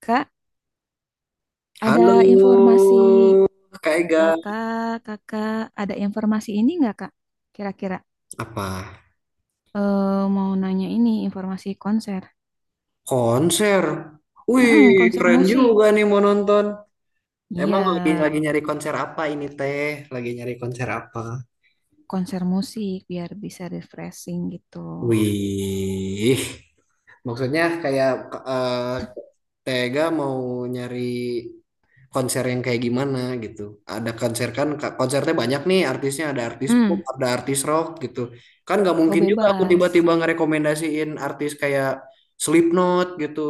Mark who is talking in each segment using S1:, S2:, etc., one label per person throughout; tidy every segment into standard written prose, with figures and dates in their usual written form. S1: Kak,
S2: Halo,
S1: ada informasi,
S2: Kak
S1: kalau
S2: Ega.
S1: kak, kakak ada informasi ini nggak kak? Kira-kira
S2: Apa?
S1: eh, mau nanya ini informasi konser.
S2: Konser. Wih,
S1: Mm-mm, konser
S2: keren
S1: musik.
S2: juga nih mau nonton.
S1: Iya,
S2: Emang lagi nyari konser apa ini teh? Lagi nyari konser apa?
S1: konser musik biar bisa refreshing gitu.
S2: Wih, maksudnya kayak eh, Tega mau nyari konser yang kayak gimana gitu. Ada konser kan, konsernya banyak nih artisnya. Ada artis pop,
S1: Mm,
S2: ada artis rock gitu. Kan nggak
S1: oh
S2: mungkin juga aku
S1: bebas.
S2: tiba-tiba ngerekomendasiin artis kayak Slipknot gitu.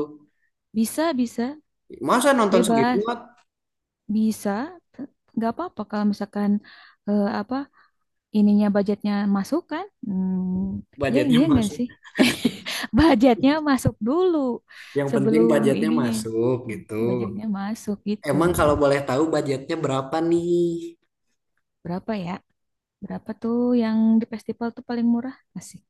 S1: Bisa, bisa,
S2: Masa nonton
S1: bebas,
S2: Slipknot
S1: bisa. Nggak apa-apa kalau misalkan apa ininya budgetnya masuk kan? Hmm, ya ini
S2: budgetnya
S1: ya enggak
S2: masuk.
S1: sih? Budgetnya masuk dulu
S2: Yang penting
S1: sebelum
S2: budgetnya
S1: ininya.
S2: masuk gitu.
S1: Mungkin budgetnya masuk gitu.
S2: Emang kalau boleh tahu budgetnya berapa nih?
S1: Berapa ya? Berapa tuh yang di festival tuh paling murah? Asik.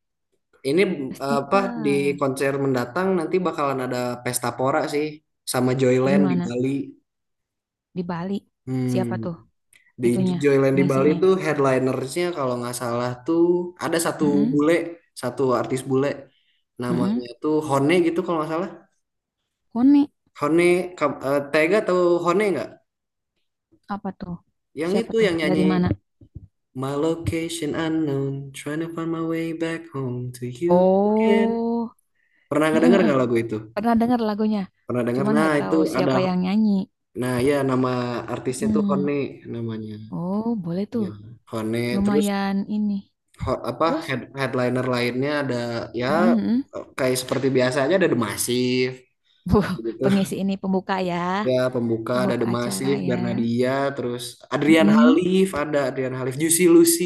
S2: Ini eh, apa di
S1: Festival.
S2: konser mendatang nanti bakalan ada pesta pora sih sama
S1: Di
S2: Joyland di
S1: mana?
S2: Bali.
S1: Di Bali. Siapa
S2: Hmm,
S1: tuh
S2: di
S1: itunya,
S2: Joyland di Bali
S1: pengisinya?
S2: tuh headlinersnya kalau nggak salah tuh ada satu
S1: Mm-mm.
S2: bule, satu artis bule.
S1: Mm-mm.
S2: Namanya tuh Hone gitu kalau nggak salah.
S1: Koni.
S2: Hone, Tega tahu Hone nggak?
S1: Apa tuh?
S2: Yang
S1: Siapa
S2: itu
S1: tuh?
S2: yang
S1: Dari
S2: nyanyi
S1: mana?
S2: My location unknown, trying to find my way back home to you again.
S1: Oh,
S2: Pernah
S1: eh, eh,
S2: ngedenger
S1: eh.
S2: nggak lagu itu?
S1: Pernah dengar lagunya.
S2: Pernah denger?
S1: Cuman
S2: Nah,
S1: gak
S2: itu
S1: tahu
S2: ada.
S1: siapa yang nyanyi.
S2: Nah, ya nama artisnya tuh
S1: Hmm.
S2: Hone namanya.
S1: Oh, boleh tuh.
S2: Ya, Hone terus
S1: Lumayan ini.
S2: ho- apa
S1: Terus?
S2: head, headliner lainnya ada ya
S1: Mm-mm, mm.
S2: kayak seperti biasanya ada The Massive
S1: Buh,
S2: gitu.
S1: pengisi ini pembuka ya.
S2: Ya, pembuka ada
S1: Pembuka
S2: The
S1: acara
S2: Massive,
S1: ya.
S2: Bernadia, terus Adrian
S1: Mm-mm.
S2: Halif, Juicy Lucy,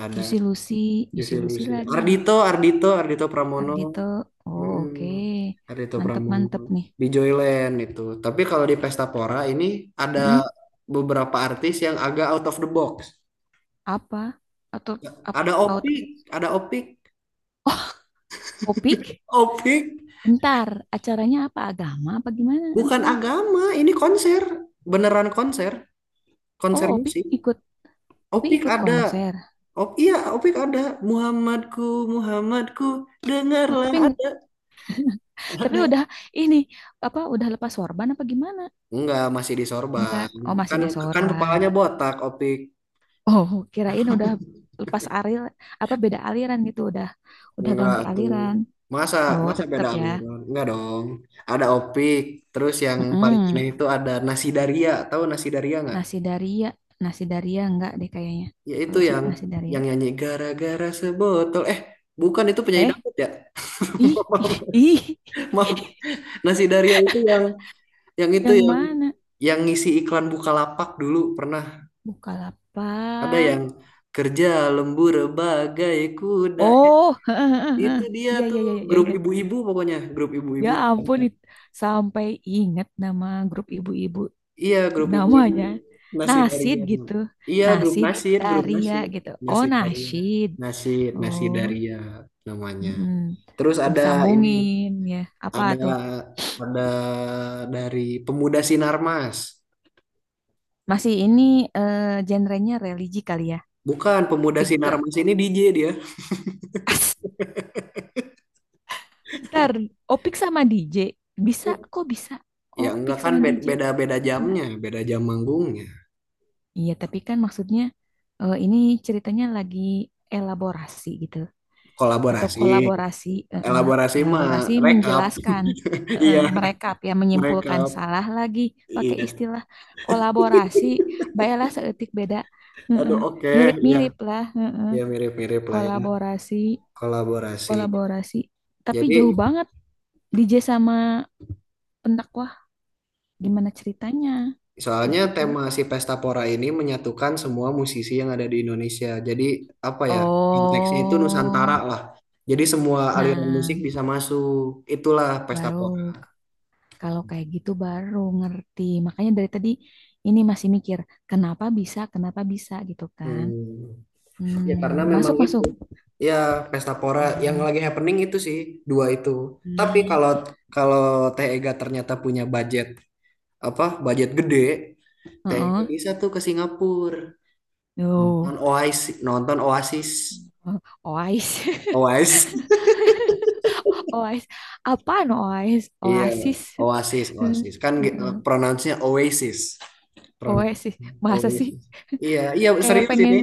S2: ada
S1: Juicy Lucy. Juicy
S2: Juicy
S1: Lucy
S2: Lucy.
S1: lagi.
S2: Ardito Pramono.
S1: Ardito. Oh,
S2: Mm-mm.
S1: oke.
S2: Ada itu Pramono
S1: Mantep-mantep nih.
S2: di Joyland itu. Tapi kalau di Pesta Pora ini ada
S1: Mm-mm.
S2: beberapa artis yang agak out of the box.
S1: Apa? Atau ap-
S2: Ada
S1: out-
S2: Opik, ada Opik,
S1: Oh, Opik?
S2: Opik
S1: Bentar. Acaranya apa? Agama apa gimana
S2: bukan
S1: maksudnya?
S2: agama, ini konser, beneran konser,
S1: Oh,
S2: konser
S1: Opik
S2: musik.
S1: ikut. Opik
S2: Opik
S1: ikut
S2: ada,
S1: konser.
S2: Op, iya Opik ada. Muhammadku, Muhammadku,
S1: Oh,
S2: dengarlah ada,
S1: tapi
S2: ada.
S1: udah ini apa udah lepas sorban apa gimana?
S2: Enggak, masih di
S1: Enggak.
S2: sorban.
S1: Oh, masih
S2: Kan kan
S1: desorban.
S2: kepalanya botak Opik.
S1: Oh, kirain udah lepas alir apa beda aliran gitu, udah
S2: Enggak
S1: ganti
S2: tuh.
S1: aliran.
S2: Masa
S1: Oh,
S2: masa
S1: tetep
S2: beda
S1: ya.
S2: aliran? Enggak dong. Ada Opik, terus yang paling aneh
S1: Mm-mm.
S2: itu ada Nasi Daria. Tahu Nasi Daria enggak?
S1: Nasi Daria, nasi Daria enggak deh kayaknya.
S2: Ya itu
S1: Kalau se- nasi Daria.
S2: yang nyanyi gara-gara sebotol. Eh, bukan itu penyanyi
S1: Eh,
S2: dangdut ya.
S1: ih,
S2: Maaf,
S1: ih, ih.
S2: maaf. Nasi Daria itu yang itu
S1: Yang
S2: yang
S1: mana?
S2: yang ngisi iklan Bukalapak dulu pernah ada
S1: Bukalapak.
S2: yang kerja lembur bagai kuda.
S1: Oh,
S2: Itu dia
S1: iya iya
S2: tuh
S1: iya iya
S2: grup
S1: ingat.
S2: ibu-ibu pokoknya, grup
S1: Ya
S2: ibu-ibu.
S1: ampun, sampai ingat nama grup ibu-ibu
S2: Iya, grup ibu-ibu
S1: namanya
S2: nasi
S1: nasid
S2: Daria.
S1: gitu,
S2: Iya,
S1: nasid
S2: Grup
S1: Daria
S2: Nasir.
S1: gitu, oh
S2: Nasi Daria.
S1: nasid,
S2: Nasir, Nasi
S1: oh
S2: Daria namanya. Terus
S1: mm,
S2: ada ini,
S1: disambungin ya, apa
S2: ada
S1: tuh?
S2: ada dari Pemuda Sinarmas.
S1: Masih ini genrenya religi kali ya.
S2: Bukan, Pemuda
S1: Itu juga.
S2: Sinarmas ini DJ dia.
S1: As, ntar Opik sama DJ bisa kok, bisa
S2: Ya enggak
S1: Opik
S2: kan
S1: sama DJ
S2: beda-beda
S1: enggak,
S2: jamnya, beda jam manggungnya.
S1: iya tapi kan maksudnya ini ceritanya lagi elaborasi gitu, atau
S2: Kolaborasi,
S1: kolaborasi eh, eh,
S2: elaborasi
S1: elaborasi
S2: mah rekap.
S1: menjelaskan
S2: Iya,
S1: mereka ya, menyimpulkan
S2: rekap.
S1: salah lagi pakai
S2: Iya.
S1: istilah kolaborasi, baiklah seetik beda eh,
S2: Aduh,
S1: eh,
S2: oke, iya,
S1: mirip-mirip lah,
S2: ya mirip-mirip lah ya.
S1: kolaborasi,
S2: Kolaborasi.
S1: kolaborasi tapi
S2: Jadi
S1: jauh banget DJ sama pendakwah gimana ceritanya
S2: soalnya
S1: gitu kan.
S2: tema si Pesta Pora ini menyatukan semua musisi yang ada di Indonesia. Jadi apa ya, konteksnya itu Nusantara
S1: Oh,
S2: lah. Jadi semua aliran musik
S1: nah
S2: bisa masuk. Itulah Pesta
S1: baru
S2: Pora.
S1: kalau kayak gitu baru ngerti. Makanya dari tadi ini masih mikir, kenapa bisa gitu kan.
S2: Hmm. Ya karena
S1: Hmm,
S2: memang
S1: masuk,
S2: itu.
S1: masuk.
S2: Ya Pesta Pora yang
S1: Hmm,
S2: lagi happening itu sih dua itu. Tapi kalau
S1: hmm,
S2: kalau TEGA ternyata punya budget gede, TEGA
S1: heeh.
S2: bisa tuh ke Singapura nonton
S1: Tuh.
S2: Oasis,
S1: Oais.
S2: Oasis.
S1: Oais. Apaan Oais?
S2: Iya,
S1: Oasis. Hmm,
S2: Oasis. Kan
S1: heeh.
S2: pronounce-nya Oasis. Pronoun
S1: Oasis. Masa sih,
S2: Oasis. Iya
S1: kayak
S2: serius
S1: pengen
S2: ini.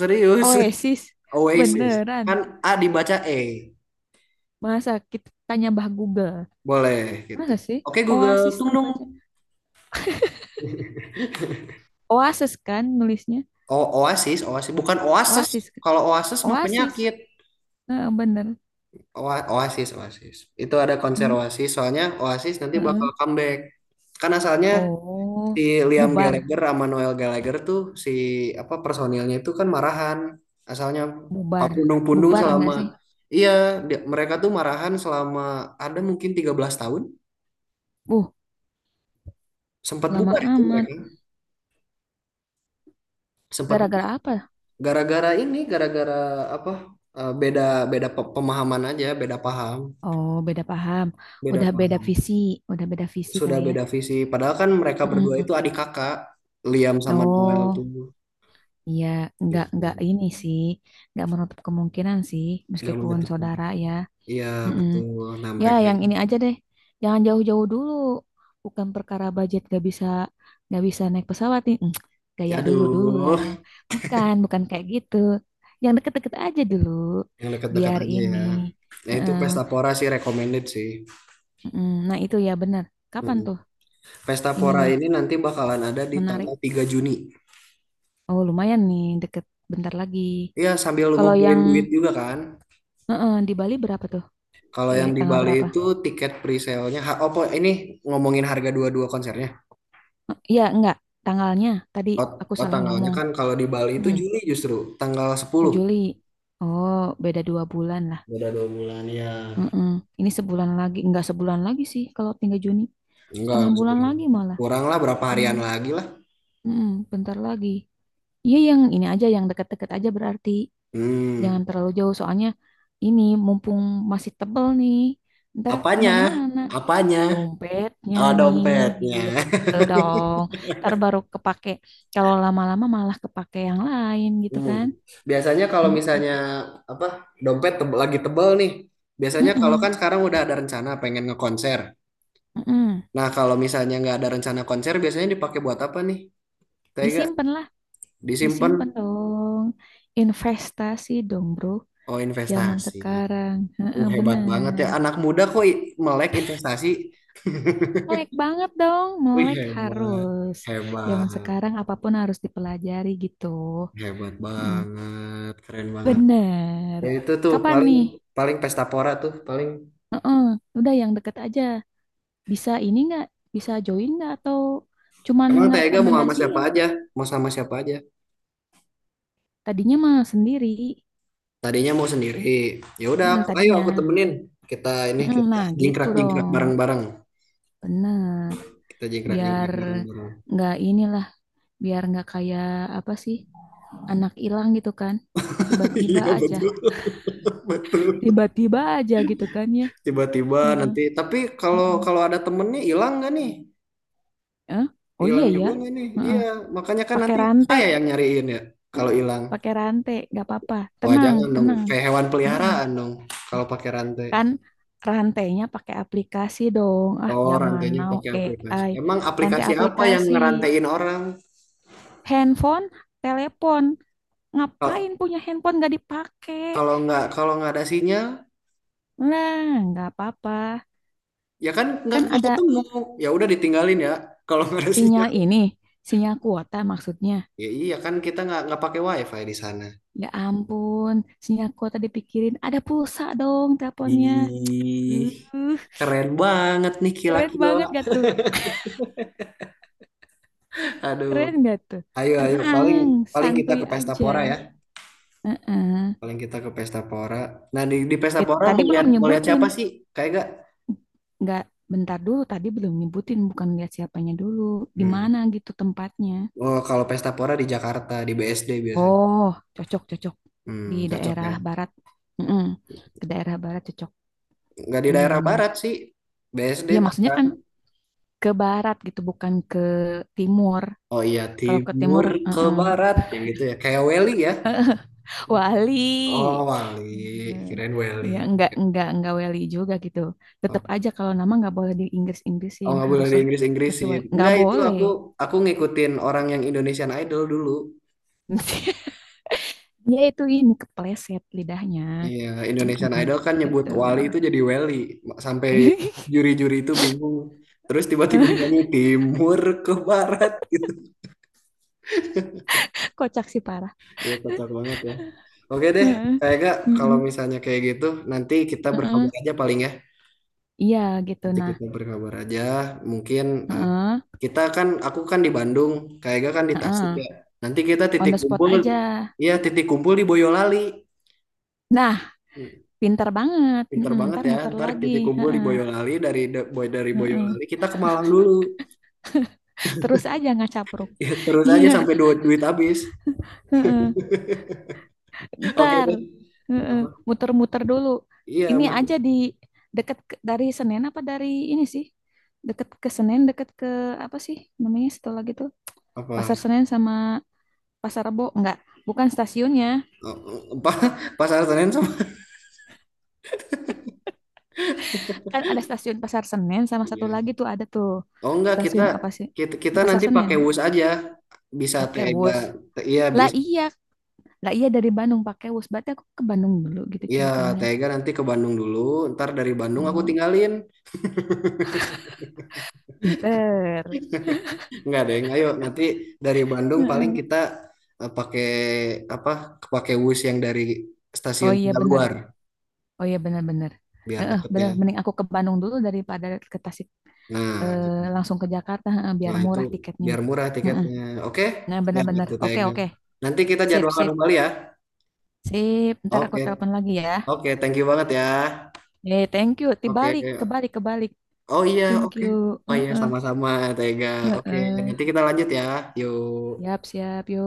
S2: Serius.
S1: Oasis?
S2: Oasis.
S1: Beneran.
S2: Kan A dibaca E.
S1: Masa kita tanya Mbah Google?
S2: Boleh gitu.
S1: Masa sih?
S2: Oke Google,
S1: Oasis
S2: tung dong.
S1: dibaca. Oasis kan nulisnya?
S2: O Oasis, Oasis bukan Oasis.
S1: Oasis.
S2: Kalau Oasis mah
S1: Oasis.
S2: penyakit.
S1: Heeh, bener.
S2: Oasis, Oasis. Itu ada konser
S1: Mm,
S2: Oasis, soalnya Oasis nanti bakal
S1: heeh.
S2: comeback. Kan asalnya
S1: Oh,
S2: si Liam
S1: bubar,
S2: Gallagher sama Noel Gallagher tuh si apa personilnya itu kan marahan asalnya Pak
S1: bubar,
S2: Pundung-Pundung
S1: bubar nggak
S2: selama
S1: sih?
S2: iya mereka tuh marahan selama ada mungkin 13 tahun
S1: Uh,
S2: sempat
S1: lama
S2: bubar itu
S1: amat.
S2: mereka sempat
S1: Gara-gara apa?
S2: gara-gara ini apa beda beda pe- pemahaman aja beda paham,
S1: Oh, beda paham.
S2: beda
S1: Udah beda
S2: paham,
S1: visi, udah beda visi
S2: sudah
S1: kali ya.
S2: beda visi padahal kan mereka berdua
S1: Mm.
S2: itu adik kakak. Liam sama Noel tuh
S1: Oh, iya, nggak
S2: gitu
S1: ini sih, nggak menutup kemungkinan sih,
S2: nggak
S1: meskipun
S2: menyatukan,
S1: saudara ya.
S2: iya
S1: Mm-mm.
S2: betul. Nah
S1: Ya,
S2: mereka
S1: yang
S2: ini
S1: ini aja deh. Jangan jauh-jauh dulu. Bukan perkara budget, gak bisa naik pesawat nih. Mm, gaya dulu dulu
S2: aduh.
S1: lah. Bukan, bukan kayak gitu. Yang deket-deket aja dulu.
S2: Yang dekat-dekat
S1: Biar
S2: aja
S1: ini.
S2: ya. Ya itu
S1: Heeh,
S2: Pesta Pora sih recommended sih.
S1: mm-mm. Nah, itu ya benar. Kapan
S2: Mm-mm.
S1: tuh
S2: Pesta Pora
S1: ininya?
S2: ini nanti bakalan ada di
S1: Menarik.
S2: tanggal 3 Juni.
S1: Oh, lumayan nih deket, bentar lagi.
S2: Iya sambil
S1: Kalau
S2: ngumpulin
S1: yang
S2: duit juga kan.
S1: heeh, di Bali berapa tuh?
S2: Kalau
S1: Eh,
S2: yang di
S1: tanggal
S2: Bali
S1: berapa?
S2: itu tiket pre-sale-nya, ha- oh po- ini ngomongin harga dua-dua konsernya.
S1: Eh, iya, enggak. Tanggalnya tadi
S2: Oh,
S1: aku
S2: oh,
S1: salah
S2: tanggalnya
S1: ngomong.
S2: kan kalau di Bali itu
S1: Mm.
S2: Juli justru, tanggal
S1: Oh
S2: sepuluh.
S1: Juli, oh beda dua bulan lah.
S2: Udah dua bulan ya.
S1: Mm-mm. Ini sebulan lagi, nggak sebulan lagi sih kalau 3 Juni. Setengah
S2: Enggak
S1: bulan
S2: sebulan.
S1: lagi malah.
S2: Kurang lah berapa
S1: Belum,
S2: harian lagi lah.
S1: mm-mm, bentar lagi. Iya yang ini aja, yang deket-deket aja berarti.
S2: Hmm,
S1: Jangan terlalu jauh soalnya ini mumpung masih tebel nih. Ntar
S2: apanya?
S1: kemana-mana.
S2: Apanya?
S1: Dompetnya
S2: Oh,
S1: nih,
S2: dompetnya.
S1: gitu dong. Ntar baru kepake. Kalau lama-lama malah kepake yang lain gitu
S2: Hmm.
S1: kan.
S2: Biasanya kalau misalnya
S1: Mm-mm.
S2: apa dompet tebel, biasanya kalau
S1: Mm-mm.
S2: kan sekarang udah ada rencana pengen ngekonser.
S1: Mm-mm.
S2: Nah kalau misalnya nggak ada rencana konser, biasanya dipakai buat apa nih? Tega
S1: Disimpan. Disimpan
S2: disimpan?
S1: dong. Investasi dong, bro.
S2: Oh
S1: Zaman
S2: investasi.
S1: sekarang. Heeh,
S2: Hebat banget ya
S1: bener.
S2: anak muda melek investasi.
S1: Melek banget dong.
S2: Wih
S1: Melek harus. Zaman
S2: hebat,
S1: sekarang apapun harus dipelajari gitu.
S2: hebat
S1: Mm,
S2: banget, keren banget.
S1: bener.
S2: Ya itu tuh
S1: Kapan
S2: paling
S1: nih?
S2: paling pestapora tuh paling.
S1: Heeh, udah yang deket aja. Bisa ini nggak? Bisa join nggak? Atau cuman
S2: Emang Tega mau sama siapa
S1: ngerekomendasiin?
S2: aja? Mau sama siapa aja?
S1: Tadinya mah sendiri.
S2: Tadinya mau sendiri. Ya udah,
S1: Mm,
S2: ayo
S1: tadinya.
S2: aku temenin.
S1: Mm,
S2: Kita
S1: nah, gitu
S2: jingkrak-jingkrak
S1: dong.
S2: bareng-bareng.
S1: Bener.
S2: Kita jingkrak-jingkrak
S1: Biar
S2: bareng-bareng.
S1: nggak inilah, biar nggak kayak apa sih, anak hilang gitu kan, tiba-tiba
S2: Iya
S1: aja
S2: betul.
S1: tiba-tiba aja gitu kan ya.
S2: Tiba-tiba
S1: Heeh,
S2: nanti tapi kalau
S1: mm-mm.
S2: kalau ada temennya hilang nggak nih?
S1: Eh, oh iya
S2: Hilang
S1: ya.
S2: juga nggak nih? Iya,
S1: Heeh,
S2: makanya kan
S1: pakai
S2: nanti
S1: rantai,
S2: saya yang nyariin ya. Kalau hilang,
S1: pakai rantai nggak apa-apa,
S2: wah
S1: tenang
S2: jangan dong.
S1: tenang.
S2: Kayak hewan
S1: Heeh.
S2: peliharaan dong. Kalau pakai rantai.
S1: Kan rantainya pakai aplikasi dong, ah
S2: Oh,
S1: zaman
S2: rantainya
S1: now
S2: pakai aplikasi.
S1: AI,
S2: Emang
S1: rantai
S2: aplikasi apa yang
S1: aplikasi
S2: ngerantain orang?
S1: handphone telepon, ngapain
S2: Kalau
S1: punya handphone nggak dipakai.
S2: kalau nggak ada sinyal,
S1: Nah, nggak apa-apa,
S2: ya kan nggak
S1: kan
S2: nggak
S1: ada
S2: ketemu, ya udah ditinggalin ya kalau nggak ada sinyal,
S1: sinyal ini, sinyal kuota maksudnya.
S2: ya iya kan kita nggak pakai wifi di sana.
S1: Ya ampun, sinyal kuota dipikirin. Ada pulsa dong teleponnya.
S2: Ih
S1: Uh,
S2: keren banget nih
S1: keren
S2: kila-kila,
S1: banget gak tuh?
S2: aduh.
S1: Keren gak tuh?
S2: Ayo ayo
S1: Tenang,
S2: paling paling kita
S1: santuy
S2: ke pesta
S1: aja.
S2: pora ya,
S1: Heeh.
S2: paling kita ke pesta pora. Nah di pesta
S1: Eh,
S2: pora mau
S1: tadi belum
S2: mau lihat siapa
S1: nyebutin.
S2: sih kayak gak,
S1: Nggak, bentar dulu. Tadi belum nyebutin. Bukan lihat siapanya dulu. Di
S2: hmm.
S1: mana gitu tempatnya.
S2: Oh kalau pesta pora di Jakarta di BSD biasanya,
S1: Oh, cocok-cocok. Di
S2: hmm, cocok ya.
S1: daerah barat. Mm-mm. Ke daerah barat cocok.
S2: Nggak di daerah
S1: Bener-bener.
S2: barat sih, BSD
S1: Iya, maksudnya kan
S2: Tangerang.
S1: ke barat gitu, bukan ke timur.
S2: Oh iya,
S1: Kalau ke timur,
S2: timur ke
S1: eh-eh.
S2: barat yang gitu ya. Kayak Welly ya.
S1: Wali.
S2: Oh, Wali,
S1: Eh,
S2: kirain
S1: ya
S2: Welly.
S1: enggak wali juga gitu.
S2: Oh,
S1: Tetap aja kalau nama enggak boleh di
S2: oh
S1: Inggris-Inggrisin,
S2: nggak boleh
S1: harus
S2: di
S1: ses- sesuai.
S2: Inggris-Inggrisin.
S1: Enggak
S2: Enggak itu
S1: boleh.
S2: aku ngikutin orang yang Indonesian Idol dulu.
S1: Dia itu ini kepleset lidahnya.
S2: Iya, Indonesian
S1: Mm-mm,
S2: Idol kan nyebut
S1: gitu.
S2: Wali itu jadi Welly. Sampai juri-juri itu bingung. Terus tiba-tiba nyanyi timur ke barat gitu.
S1: Kocak sih parah.
S2: Ya kocak banget ya. Oke deh,
S1: Heeh.
S2: kayak gak kalau
S1: Mm-mm.
S2: misalnya kayak gitu nanti kita berkabar
S1: Heeh.
S2: aja paling ya.
S1: Iya gitu
S2: Nanti
S1: nah.
S2: kita berkabar aja. Mungkin eh,
S1: Heeh.
S2: kita kan, aku kan di Bandung, Kak Ega kan di
S1: Heeh.
S2: Tasik ya. Nanti kita
S1: On the spot aja.
S2: ya titik kumpul di Boyolali.
S1: Nah,
S2: Hmm,
S1: pinter banget.
S2: pinter
S1: Mm-mm,
S2: banget
S1: ntar
S2: ya,
S1: muter
S2: ntar
S1: lagi.
S2: titik kumpul di
S1: Heeh,
S2: Boyolali dari da- boy dari
S1: heeh.
S2: Boyolali kita ke Malang dulu.
S1: Terus aja nggak capruk.
S2: Ya, terus aja
S1: Iya,
S2: sampai duit duit habis.
S1: heeh.
S2: Oke
S1: Ntar
S2: deh.
S1: heeh,
S2: Apa?
S1: muter-muter dulu.
S2: Iya,
S1: Ini aja
S2: Mut.
S1: di deket ke- dari Senen apa dari ini sih? Deket ke Senen, deket ke apa sih namanya setelah gitu? Pasar
S2: Apa?
S1: Senen sama Pasar Rebo enggak? Bukan stasiunnya.
S2: Oh, Apa? Pasar Senen sama?
S1: Kan ada stasiun Pasar Senen sama satu
S2: Iya.
S1: lagi tuh ada tuh.
S2: Oh enggak, kita
S1: Stasiun apa sih?
S2: kita kita
S1: Di Pasar
S2: nanti
S1: Senen.
S2: pakai WUS aja. Bisa
S1: Pakai
S2: Tega,
S1: bus.
S2: iya
S1: Lah
S2: bisa.
S1: iya, lah iya dari Bandung pakai bus. Berarti aku ke Bandung dulu gitu
S2: Iya,
S1: ceritanya.
S2: Tega nanti ke Bandung dulu. Ntar dari Bandung aku
S1: Oh,
S2: tinggalin.
S1: pinter.
S2: Enggak deng, ayo nanti dari Bandung paling
S1: Heeh.
S2: kita eh, pakai apa? Pakai bus yang dari
S1: Oh
S2: stasiun
S1: iya
S2: Tegal
S1: benar.
S2: luar
S1: Oh iya benar-benar.
S2: biar
S1: Heeh, benar.
S2: deketnya.
S1: Mending aku ke Bandung dulu daripada ke Tasik
S2: Nah, gitu.
S1: langsung ke Jakarta, heeh, biar
S2: Nah, itu
S1: murah tiketnya.
S2: biar murah
S1: Heeh.
S2: tiketnya. Oke?
S1: Nah
S2: Ya,
S1: benar-benar.
S2: betul
S1: Oke
S2: Tega.
S1: oke.
S2: Nanti kita
S1: Sip
S2: jadwalkan
S1: sip
S2: kembali ya.
S1: sip. Ntar aku
S2: Oke.
S1: telepon lagi ya.
S2: Oke, thank you banget ya.
S1: Eh thank you. Dibalik
S2: Oke.
S1: kebalik kebalik.
S2: Oh iya,
S1: Thank
S2: oke.
S1: you.
S2: Oh iya,
S1: Heeh,
S2: sama-sama Tega. Oke,
S1: heeh.
S2: nanti kita lanjut ya. Yuk.
S1: Siap siap yo